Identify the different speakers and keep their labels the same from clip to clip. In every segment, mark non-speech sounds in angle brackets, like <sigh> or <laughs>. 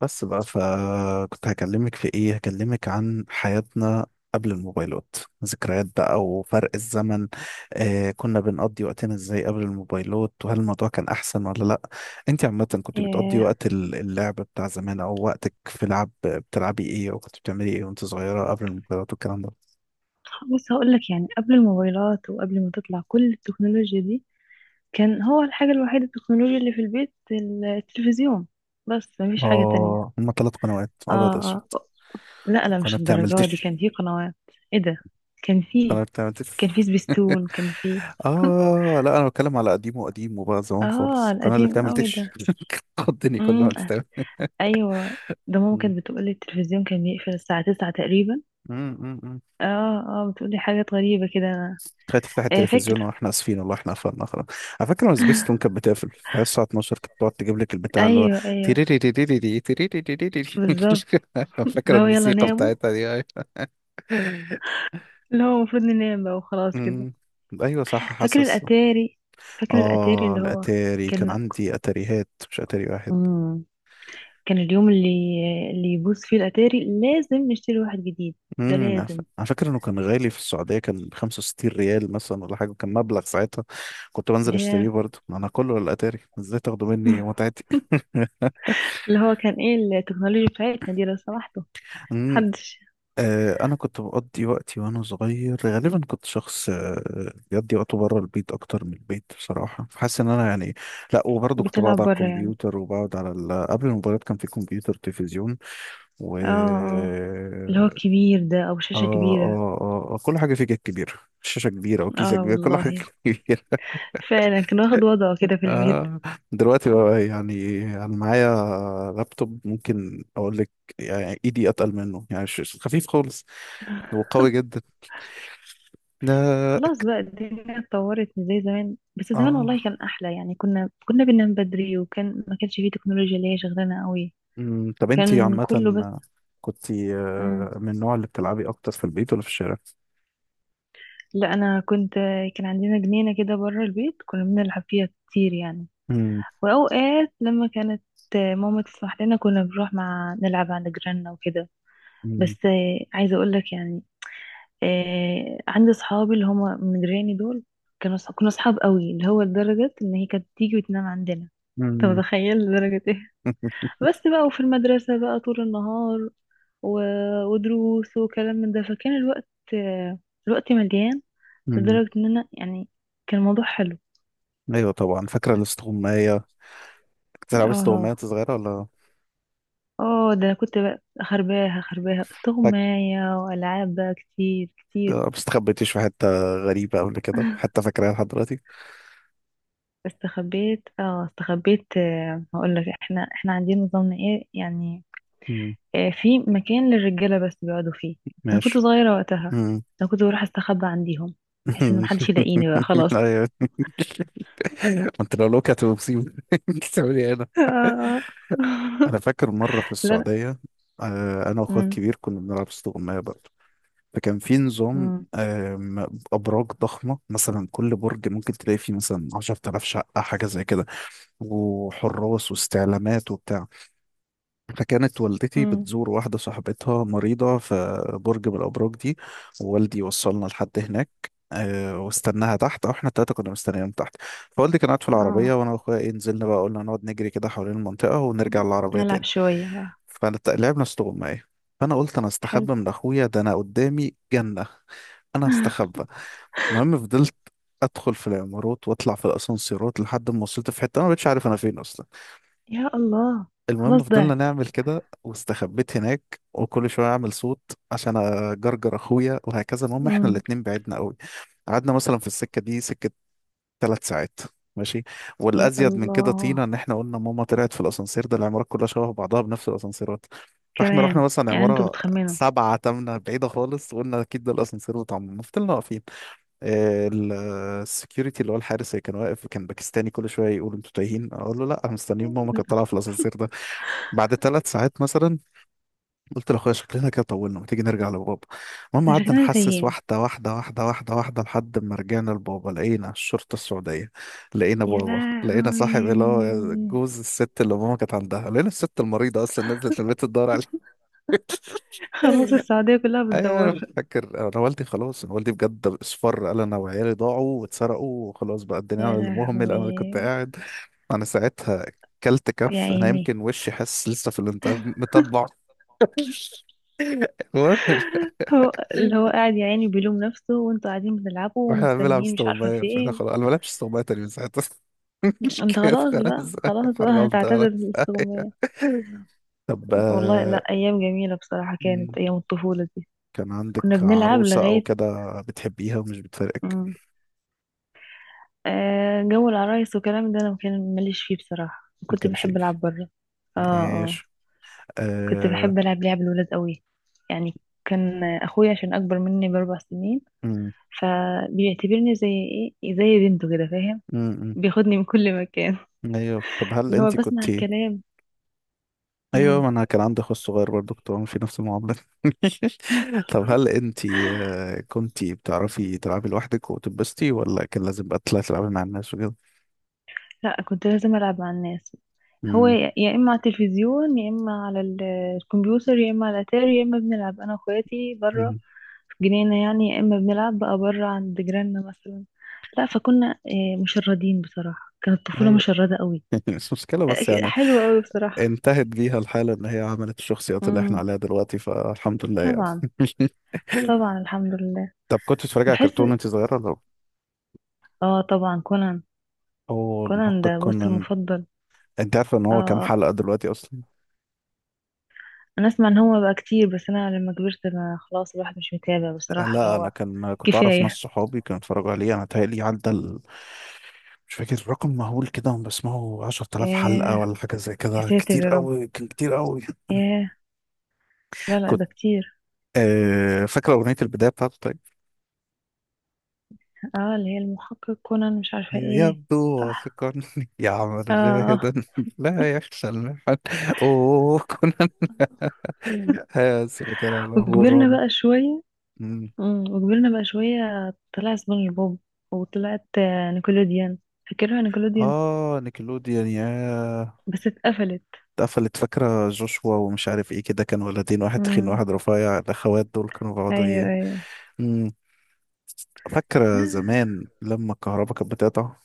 Speaker 1: بس بقى فكنت هكلمك في ايه هكلمك عن حياتنا قبل الموبايلات. ذكريات بقى وفرق الزمن. كنا بنقضي وقتنا ازاي قبل الموبايلات؟ وهل الموضوع كان احسن ولا لا؟ انت عامة كنت بتقضي
Speaker 2: إيه،
Speaker 1: وقت اللعب بتاع زمان، او وقتك في لعب بتلعبي ايه، او كنت بتعملي ايه وانت صغيرة قبل الموبايلات والكلام ده؟
Speaker 2: بص هقول لك يعني قبل الموبايلات وقبل ما تطلع كل التكنولوجيا دي، كان هو الحاجة الوحيدة التكنولوجيا اللي في البيت التلفزيون. بس مفيش حاجة تانية.
Speaker 1: اه، هما ثلاث قنوات
Speaker 2: اه،
Speaker 1: ابيض واسود.
Speaker 2: اه، لا لا،
Speaker 1: قناة
Speaker 2: مش
Speaker 1: بتعمل
Speaker 2: الدرجة دي، كان في قنوات. ايه ده؟ كان في،
Speaker 1: انا بتعمل
Speaker 2: سبيستون، كان في.
Speaker 1: <laughs>
Speaker 2: <laughs>
Speaker 1: اه لا، انا بتكلم على قديمه قديمه بقى، زمان
Speaker 2: اه،
Speaker 1: خالص، القناه اللي
Speaker 2: القديم
Speaker 1: بتعمل
Speaker 2: قوي ده.
Speaker 1: تش. <laughs> تخضني كل
Speaker 2: امم
Speaker 1: ما تتعمل.
Speaker 2: ايوه، ده ماما
Speaker 1: مم.
Speaker 2: كانت بتقولي التلفزيون كان بيقفل الساعة تسعة تقريبا.
Speaker 1: أمم، أمم، أمم.
Speaker 2: اه، اه، بتقولي حاجات غريبة كده انا.
Speaker 1: خلي تفتح
Speaker 2: إيه،
Speaker 1: التلفزيون
Speaker 2: فاكر.
Speaker 1: واحنا اسفين، والله احنا قفلنا خلاص. على فكره لما سبيس تون كانت بتقفل في الساعه 12، كانت بتقعد تجيب لك البتاع اللي هو
Speaker 2: ايوه ايوه،
Speaker 1: تيريريريريري تيريريريريري.
Speaker 2: بالظبط.
Speaker 1: <laughs> فاكره
Speaker 2: لو يلا
Speaker 1: الموسيقى
Speaker 2: ناموا،
Speaker 1: بتاعتها دي؟ أيوة.
Speaker 2: اللي هو المفروض ننام بقى وخلاص كده.
Speaker 1: أمم. ايوه صح،
Speaker 2: فاكر
Speaker 1: حاسس.
Speaker 2: الاتاري؟
Speaker 1: اه،
Speaker 2: اللي هو
Speaker 1: الاتاري كان
Speaker 2: كان،
Speaker 1: عندي اتاريهات مش اتاري واحد.
Speaker 2: امم كان اليوم اللي يبوظ فيه الاتاري لازم نشتري واحد جديد. ده لازم.
Speaker 1: على فكره انه كان غالي في السعوديه، كان ب 65 ريال مثلا ولا حاجه، كان مبلغ ساعتها. كنت بنزل اشتريه
Speaker 2: ياه.
Speaker 1: برضه، ما انا كله على الاتاري، ازاي تاخدوا مني
Speaker 2: <laughs>
Speaker 1: متعتي؟ <laughs>
Speaker 2: اللي هو كان ايه التكنولوجيا بتاعتنا دي لو سمحتوا؟
Speaker 1: امم
Speaker 2: محدش.
Speaker 1: انا كنت بقضي وقتي وانا صغير، غالبا كنت شخص بيقضي وقته بره البيت اكتر من البيت بصراحه، فحاسس ان انا يعني. لا، وبرضه كنت بقعد
Speaker 2: بتلعب
Speaker 1: على
Speaker 2: بره يعني.
Speaker 1: الكمبيوتر قبل الموبايلات كان في كمبيوتر، تلفزيون و.
Speaker 2: اه، اه، اللي هو الكبير ده، او
Speaker 1: اه،
Speaker 2: شاشة كبيرة.
Speaker 1: اه، اه، كل حاجه فيه كانت كبيره. شاشه كبيره وكيسه
Speaker 2: اه
Speaker 1: كبيره كل حاجه <laughs>
Speaker 2: والله،
Speaker 1: كبيره.
Speaker 2: فعلا كان واخد وضعه كده في البيت.
Speaker 1: آه دلوقتي بقى يعني انا معايا لابتوب، ممكن اقول لك يعني ايدي اتقل منه، يعني خفيف خالص وقوي جدا. لا.
Speaker 2: خلاص بقى، الدنيا اتطورت مش زي زمان، بس زمان
Speaker 1: اه.
Speaker 2: والله كان احلى يعني. كنا بننام بدري، وكان ما كانش فيه تكنولوجيا اللي هي شغلانه قوي،
Speaker 1: طب انتي
Speaker 2: وكان
Speaker 1: عامة
Speaker 2: كله بس.
Speaker 1: كنت
Speaker 2: مم.
Speaker 1: من النوع اللي بتلعبي اكتر في البيت ولا في الشارع؟
Speaker 2: لا انا كنت، كان عندنا جنينه كده بره البيت كنا بنلعب فيها كتير يعني.
Speaker 1: أمم.
Speaker 2: واوقات لما كانت ماما تسمح لنا كنا بنروح مع، نلعب عند جيراننا وكده.
Speaker 1: أمم.
Speaker 2: بس عايزه اقول لك يعني، عندي صحابي اللي هم من جيراني دول، كنا صحاب قوي، اللي هو لدرجه ان هي كانت تيجي وتنام عندنا. انت
Speaker 1: أمم.
Speaker 2: متخيل لدرجه ايه؟
Speaker 1: <laughs>
Speaker 2: بس بقى، وفي المدرسة بقى طول النهار، و... ودروس وكلام من ده، فكان الوقت مليان.
Speaker 1: أمم.
Speaker 2: لدرجة ان انا يعني كان الموضوع حلو.
Speaker 1: ايوه طبعا، فاكرة الاستغماية؟ كنت بتلعبي استغماية
Speaker 2: اه
Speaker 1: وأنت صغيرة ولا؟
Speaker 2: اه، ده انا كنت بقى خرباها خرباها
Speaker 1: فاك...
Speaker 2: استغماية، والعاب بقى كتير كتير.
Speaker 1: ما استخبيتيش في حتة غريبة قبل كده
Speaker 2: <laughs>
Speaker 1: حتى فاكراها لحد دلوقتي؟
Speaker 2: استخبيت، هقول لك احنا، عندنا نظامنا ايه يعني.
Speaker 1: أمم.
Speaker 2: في مكان للرجالة بس بيقعدوا فيه، انا كنت
Speaker 1: ماشي.
Speaker 2: صغيرة وقتها، انا كنت بروح استخبى عنديهم بحيث ان محدش يلاقيني بقى
Speaker 1: <laughs>
Speaker 2: خلاص.
Speaker 1: ايوه. <laughs> ما انت لو لوكت ومصيبه، <laughs> بتعمل ايه هنا؟
Speaker 2: <laughs> آه، آه.
Speaker 1: انا فاكر مره في
Speaker 2: لا لا.
Speaker 1: السعوديه. انا واخويا
Speaker 2: مم.
Speaker 1: الكبير كنا بنلعب استغمايه بقى. فكان في نظام،
Speaker 2: مم.
Speaker 1: ابراج ضخمه مثلا كل برج ممكن تلاقي فيه مثلا 10000 شقه، حاجه زي كده. وحراس واستعلامات وبتاع. فكانت والدتي
Speaker 2: مم.
Speaker 1: بتزور واحدة صاحبتها مريضة في برج من الأبراج دي. ووالدي وصلنا لحد هناك، واستناها تحت، او احنا التلاتة كنا مستنيين تحت. فوالدي كان قاعد في العربية،
Speaker 2: اه،
Speaker 1: وانا واخويا نزلنا بقى، قلنا نقعد نجري كده حوالين المنطقة ونرجع للعربية
Speaker 2: نلعب
Speaker 1: تاني.
Speaker 2: شوية بقى.
Speaker 1: فلعبنا استغماية. فانا قلت انا
Speaker 2: حلو.
Speaker 1: استخبى من اخويا ده، انا قدامي جنة، انا هستخبى. المهم فضلت ادخل في العمارات واطلع في الاسانسيرات، لحد ما وصلت في حتة انا ما بقتش عارف انا فين اصلا.
Speaker 2: يا الله.
Speaker 1: المهم
Speaker 2: خلاص
Speaker 1: فضلنا
Speaker 2: ضعت.
Speaker 1: نعمل كده واستخبيت هناك، وكل شويه اعمل صوت عشان اجرجر اخويا وهكذا. المهم احنا
Speaker 2: مم.
Speaker 1: الاتنين بعدنا قوي. قعدنا مثلا في السكه دي، سكه 3 ساعات. ماشي.
Speaker 2: يا
Speaker 1: والازيد من كده
Speaker 2: الله.
Speaker 1: طينا ان احنا قلنا ماما طلعت في الاسانسير ده، العمارات كلها شبه بعضها بنفس الاسانسيرات. فاحنا رحنا
Speaker 2: كمان،
Speaker 1: مثلا
Speaker 2: يعني انتوا
Speaker 1: عماره
Speaker 2: بتخمنوا.
Speaker 1: سبعة تمنة بعيده خالص، وقلنا اكيد ده الاسانسير بتاع ماما، فضلنا واقفين. السكيورتي اللي هو الحارس اللي كان واقف، كان باكستاني، كل شويه يقول انتوا تايهين، اقول له لا، انا مستنيين ماما كانت طالعه في الاسانسير ده. بعد 3 ساعات مثلا، قلت لاخويا شكلنا كده طولنا، ما تيجي نرجع لبابا. المهم
Speaker 2: أنا
Speaker 1: قعدنا
Speaker 2: شكلنا
Speaker 1: نحسس
Speaker 2: تايهين.
Speaker 1: واحده واحده واحده واحده واحده، لحد ما رجعنا لبابا لقينا الشرطه السعوديه. لقينا
Speaker 2: يا
Speaker 1: بابا، لقينا
Speaker 2: لهوي،
Speaker 1: صاحب اللي هو جوز الست اللي ماما كانت عندها، لقينا الست المريضه اصلا نزلت البيت تدور عليه.
Speaker 2: خلاص
Speaker 1: <laughs>
Speaker 2: السعودية كلها
Speaker 1: ايوه،
Speaker 2: بتدور.
Speaker 1: انا فاكر انا والدي بجد اصفر، قال انا وعيالي ضاعوا واتسرقوا، وخلاص بقى الدنيا،
Speaker 2: يا
Speaker 1: انا اللي مهمل، انا اللي كنت
Speaker 2: لهوي.
Speaker 1: قاعد. انا ساعتها كلت
Speaker 2: يا
Speaker 1: كف، انا
Speaker 2: عيني.
Speaker 1: يمكن وشي حاسس لسه في الانتباه متبع. <laughs> المهم. <laughs>
Speaker 2: هو اللي هو قاعد يا عيني بيلوم نفسه، وانتوا قاعدين بتلعبوا
Speaker 1: واحنا بنلعب
Speaker 2: ومستنيين، مش عارفة
Speaker 1: استغماية،
Speaker 2: في
Speaker 1: فانا
Speaker 2: ايه.
Speaker 1: خلاص، انا ما بلعبش استغماية تاني من ساعتها. <laughs> مش
Speaker 2: انت
Speaker 1: كده
Speaker 2: خلاص بقى،
Speaker 1: خلاص،
Speaker 2: خلاص بقى
Speaker 1: حرمت
Speaker 2: هتعتزل
Speaker 1: خلاص.
Speaker 2: الاستغماية.
Speaker 1: طب،
Speaker 2: والله لا، ايام جميله بصراحه،
Speaker 1: مم،
Speaker 2: كانت ايام الطفوله دي.
Speaker 1: كان عندك
Speaker 2: كنا بنلعب
Speaker 1: عروسة أو
Speaker 2: لغايه.
Speaker 1: كده بتحبيها ومش بتفارقك؟
Speaker 2: امم جو العرايس والكلام ده انا ما كان ماليش فيه بصراحه،
Speaker 1: ما
Speaker 2: كنت
Speaker 1: كانش
Speaker 2: بحب
Speaker 1: يجي.
Speaker 2: العب بره. اه، اه،
Speaker 1: ماشي.
Speaker 2: كنت
Speaker 1: آه...
Speaker 2: بحب العب لعب الولاد قوي يعني. كان اخويا عشان اكبر مني باربع سنين،
Speaker 1: مم.
Speaker 2: فبيعتبرني زي، زي بنته كده، فاهم؟
Speaker 1: مم.
Speaker 2: بياخدني من كل مكان،
Speaker 1: مم. أيوه. طب
Speaker 2: <laughs>
Speaker 1: هل
Speaker 2: اللي هو
Speaker 1: أنت كنت.
Speaker 2: بسمع الكلام.
Speaker 1: أيوه،
Speaker 2: مم.
Speaker 1: ما أنا كان عندي أخو صغير برضه كنت بعمل في نفس المعاملة. <laughs> طب هل أنت كنت بتعرفي تلعبي لوحدك وتتبسطي، ولا كان لازم بقى تطلعي تلعبي مع الناس؟
Speaker 2: لا كنت لازم ألعب مع الناس. هو
Speaker 1: مم.
Speaker 2: يا، إما على التلفزيون، يا إما على الكمبيوتر، يا إما على الأتاري، يا إما بنلعب أنا وأخواتي برا
Speaker 1: مم.
Speaker 2: في جنينة يعني، يا إما بنلعب بقى برا عند جيراننا مثلا. لا فكنا، مشردين بصراحة، كانت الطفولة
Speaker 1: هي.
Speaker 2: مشردة قوي.
Speaker 1: <laughs> مش مشكلة بس يعني.
Speaker 2: حلوة قوي بصراحة.
Speaker 1: انتهت بيها الحالة ان هي عملت الشخصيات اللي احنا
Speaker 2: امم
Speaker 1: عليها دلوقتي، فالحمد لله يعني.
Speaker 2: طبعا،
Speaker 1: <laughs>
Speaker 2: طبعا الحمد لله.
Speaker 1: طب كنت بتتفرج على
Speaker 2: بحس،
Speaker 1: كرتون وانت صغيرة ولا؟
Speaker 2: اه، طبعا كونان.
Speaker 1: اوه،
Speaker 2: كونان
Speaker 1: المحقق
Speaker 2: ده بص
Speaker 1: كونان!
Speaker 2: المفضل.
Speaker 1: انت عارفة ان
Speaker 2: اه،
Speaker 1: هو كام
Speaker 2: آه.
Speaker 1: حلقة دلوقتي اصلا؟
Speaker 2: انا اسمع ان هو بقى كتير، بس انا لما كبرت ما، خلاص الواحد مش متابع بصراحة، اللي
Speaker 1: لا، انا
Speaker 2: هو
Speaker 1: كنت اعرف ناس
Speaker 2: كفاية.
Speaker 1: صحابي كانوا اتفرجوا عليه، انا تهيألي مش فاكر رقم مهول كده، هم بسمعه 10000 حلقة
Speaker 2: ايه؟
Speaker 1: ولا حاجة زي
Speaker 2: يا
Speaker 1: كده،
Speaker 2: ساتر
Speaker 1: كتير
Speaker 2: يا رب.
Speaker 1: قوي كان كتير قوي.
Speaker 2: ايه؟ لا
Speaker 1: <laughs>
Speaker 2: لا،
Speaker 1: كنت
Speaker 2: ده كتير.
Speaker 1: فاكرة أغنية البداية بتاعته؟
Speaker 2: اه، اللي هي المحقق كونان مش عارفة
Speaker 1: أيوة،
Speaker 2: ايه.
Speaker 1: يبدو
Speaker 2: صح.
Speaker 1: وثقني، يعمل زاهدا
Speaker 2: اه،
Speaker 1: <laughs> لا يخشى المحن. اوه كنا اسف، كان على
Speaker 2: وكبرنا
Speaker 1: غوران.
Speaker 2: بقى شوية
Speaker 1: <laughs> مم.
Speaker 2: وكبرنا بقى شوية، طلع سبونج بوب، وطلعت نيكولوديان. فاكرها نيكولوديان،
Speaker 1: اه، نيكلوديان. يا،
Speaker 2: بس اتقفلت.
Speaker 1: اتقفلت. فاكرة جوشوا ومش عارف ايه كده كانوا ولدين، واحد تخين
Speaker 2: امم
Speaker 1: واحد رفيع، الاخوات دول كانوا بيقعدوا
Speaker 2: ايوه
Speaker 1: ايه؟
Speaker 2: ايوه.
Speaker 1: مم. فاكرة زمان لما الكهرباء كانت بتقطع؟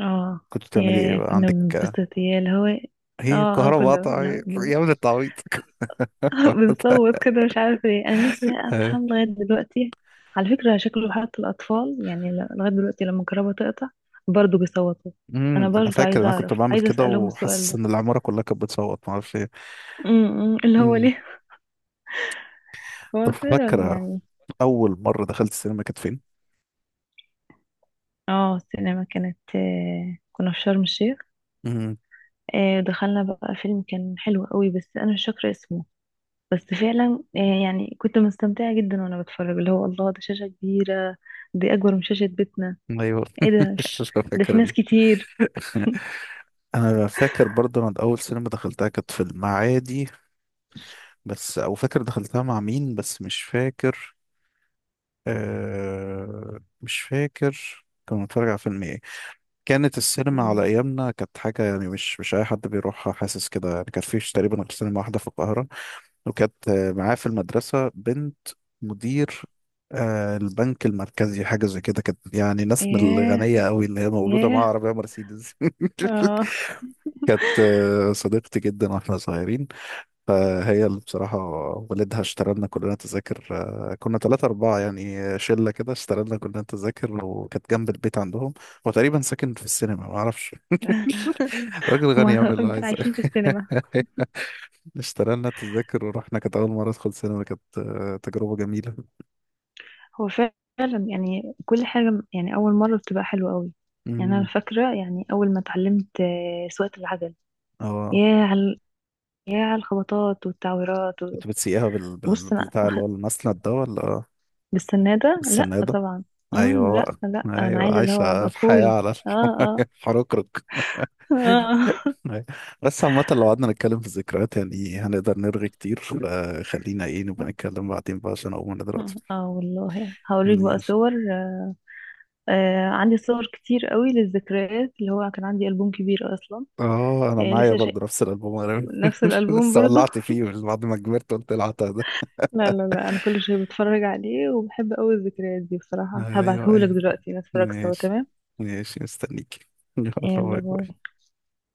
Speaker 2: اه،
Speaker 1: كنت بتعملي ايه
Speaker 2: يا
Speaker 1: بقى
Speaker 2: كنا
Speaker 1: عندك؟
Speaker 2: بنتبسط، يا اللي هو إيه؟
Speaker 1: هي
Speaker 2: اه اه،
Speaker 1: الكهرباء
Speaker 2: كنا
Speaker 1: قطعت،
Speaker 2: لا،
Speaker 1: يا ابن التعويض!
Speaker 2: <laughs> بنصوت كده مش عارفة ليه، أنا نفسي أفهم
Speaker 1: <laughs>
Speaker 2: لغاية دلوقتي. على فكرة شكله حتى الأطفال يعني، لغاية دلوقتي لما الكهرباء تقطع برضه بيصوتوا. أنا
Speaker 1: انا
Speaker 2: برضه
Speaker 1: فاكر
Speaker 2: عايزة
Speaker 1: انا كنت
Speaker 2: أعرف،
Speaker 1: بعمل
Speaker 2: عايزة
Speaker 1: كده،
Speaker 2: أسألهم السؤال
Speaker 1: وحاسس
Speaker 2: ده،
Speaker 1: ان العماره كلها كانت بتصوت ما اعرفش ايه.
Speaker 2: م- م، اللي هو
Speaker 1: امم
Speaker 2: ليه. <laughs>
Speaker 1: طب
Speaker 2: هو فعلا
Speaker 1: فاكره
Speaker 2: يعني.
Speaker 1: اول مره دخلت السينما كانت فين؟
Speaker 2: اه، السينما كانت، كنا في شرم الشيخ.
Speaker 1: امم.
Speaker 2: دخلنا بقى فيلم كان حلو قوي، بس أنا مش فاكرة اسمه. بس فعلا، يعني كنت مستمتعة جدا وأنا بتفرج، اللي هو الله ده شاشة كبيرة، دي أكبر من شاشة بيتنا.
Speaker 1: ايوه. <laughs>
Speaker 2: ايه ده؟ مش
Speaker 1: مش
Speaker 2: ده في
Speaker 1: فاكر
Speaker 2: ناس كتير.
Speaker 1: <laughs> انا فاكر برضه، انا اول سينما دخلتها كانت في المعادي، بس او فاكر دخلتها مع مين بس مش فاكر. مش فاكر كنا بنتفرج على فيلم ايه. كانت السينما على
Speaker 2: مم.
Speaker 1: ايامنا كانت حاجه يعني مش اي حد بيروحها، حاسس كده يعني، كان فيش تقريبا غير سينما واحده في القاهره. وكانت معاه في المدرسة بنت مدير البنك المركزي حاجة زي كده، كانت يعني ناس من
Speaker 2: ياه
Speaker 1: الغنية قوي، اللي هي مولودة مع
Speaker 2: ياه.
Speaker 1: عربية مرسيدس.
Speaker 2: اه،
Speaker 1: <laughs> كانت صديقتي جدا واحنا صغيرين، فهي اللي بصراحة والدها اشترى لنا كلنا تذاكر. كنا ثلاثة أربعة يعني، شلة كده، اشترى لنا كلنا تذاكر، وكانت جنب البيت عندهم. هو تقريبا ساكن في السينما ما أعرفش. <laughs> راجل غني يعمل
Speaker 2: هما
Speaker 1: اللي
Speaker 2: <laughs>
Speaker 1: عايزه.
Speaker 2: عايشين في السينما.
Speaker 1: <laughs> اشترينا التذاكر ورحنا، كانت أول مرة أدخل سينما، كانت تجربة جميلة.
Speaker 2: هو فعلا يعني كل حاجة يعني أول مرة بتبقى حلوة قوي. يعني أنا
Speaker 1: امم
Speaker 2: فاكرة يعني أول ما اتعلمت سواقة العجل.
Speaker 1: اه،
Speaker 2: ياه على، الخبطات والتعويرات
Speaker 1: كنت بتسيقها
Speaker 2: بص أنا
Speaker 1: بالبتاع اللي هو المسند ده ولا
Speaker 2: بالسنة ده لأ
Speaker 1: السنادة؟
Speaker 2: طبعا. مم،
Speaker 1: أيوه
Speaker 2: لأ
Speaker 1: بقى،
Speaker 2: لأ، أنا
Speaker 1: أيوه،
Speaker 2: عايزة اللي هو
Speaker 1: عايشة
Speaker 2: أبقى
Speaker 1: الحياة
Speaker 2: كول.
Speaker 1: على
Speaker 2: اه، اه،
Speaker 1: <laughs> الحركرك.
Speaker 2: اه.
Speaker 1: أيوة. بس عامة لو قعدنا نتكلم في الذكريات يعني هنقدر نرغي كتير، فخلينا نبقى نتكلم بعدين بقى عشان أقوم أنا دلوقتي.
Speaker 2: <laughs> اه والله هوريك بقى
Speaker 1: ماشي.
Speaker 2: صور. عندي صور كتير قوي للذكريات، اللي هو كان عندي ألبوم كبير أصلا.
Speaker 1: اه، انا
Speaker 2: يعني
Speaker 1: معايا
Speaker 2: لسه شيء.
Speaker 1: برضه نفس الالبوم، انا.
Speaker 2: نفس
Speaker 1: <laughs>
Speaker 2: الألبوم
Speaker 1: لسه،
Speaker 2: برضه.
Speaker 1: ولعت فيه من بعد ما كبرت قلت العتها.
Speaker 2: لا لا لا، أنا كل شوية بتفرج عليه وبحب أوي الذكريات دي بصراحة.
Speaker 1: ايوه،
Speaker 2: هبعتهولك
Speaker 1: ايوه.
Speaker 2: دلوقتي نتفرج سوا،
Speaker 1: ماشي.
Speaker 2: تمام.
Speaker 1: ماشي، مستنيك. <laughs> يلا.
Speaker 2: يلا
Speaker 1: باي
Speaker 2: باي.
Speaker 1: باي.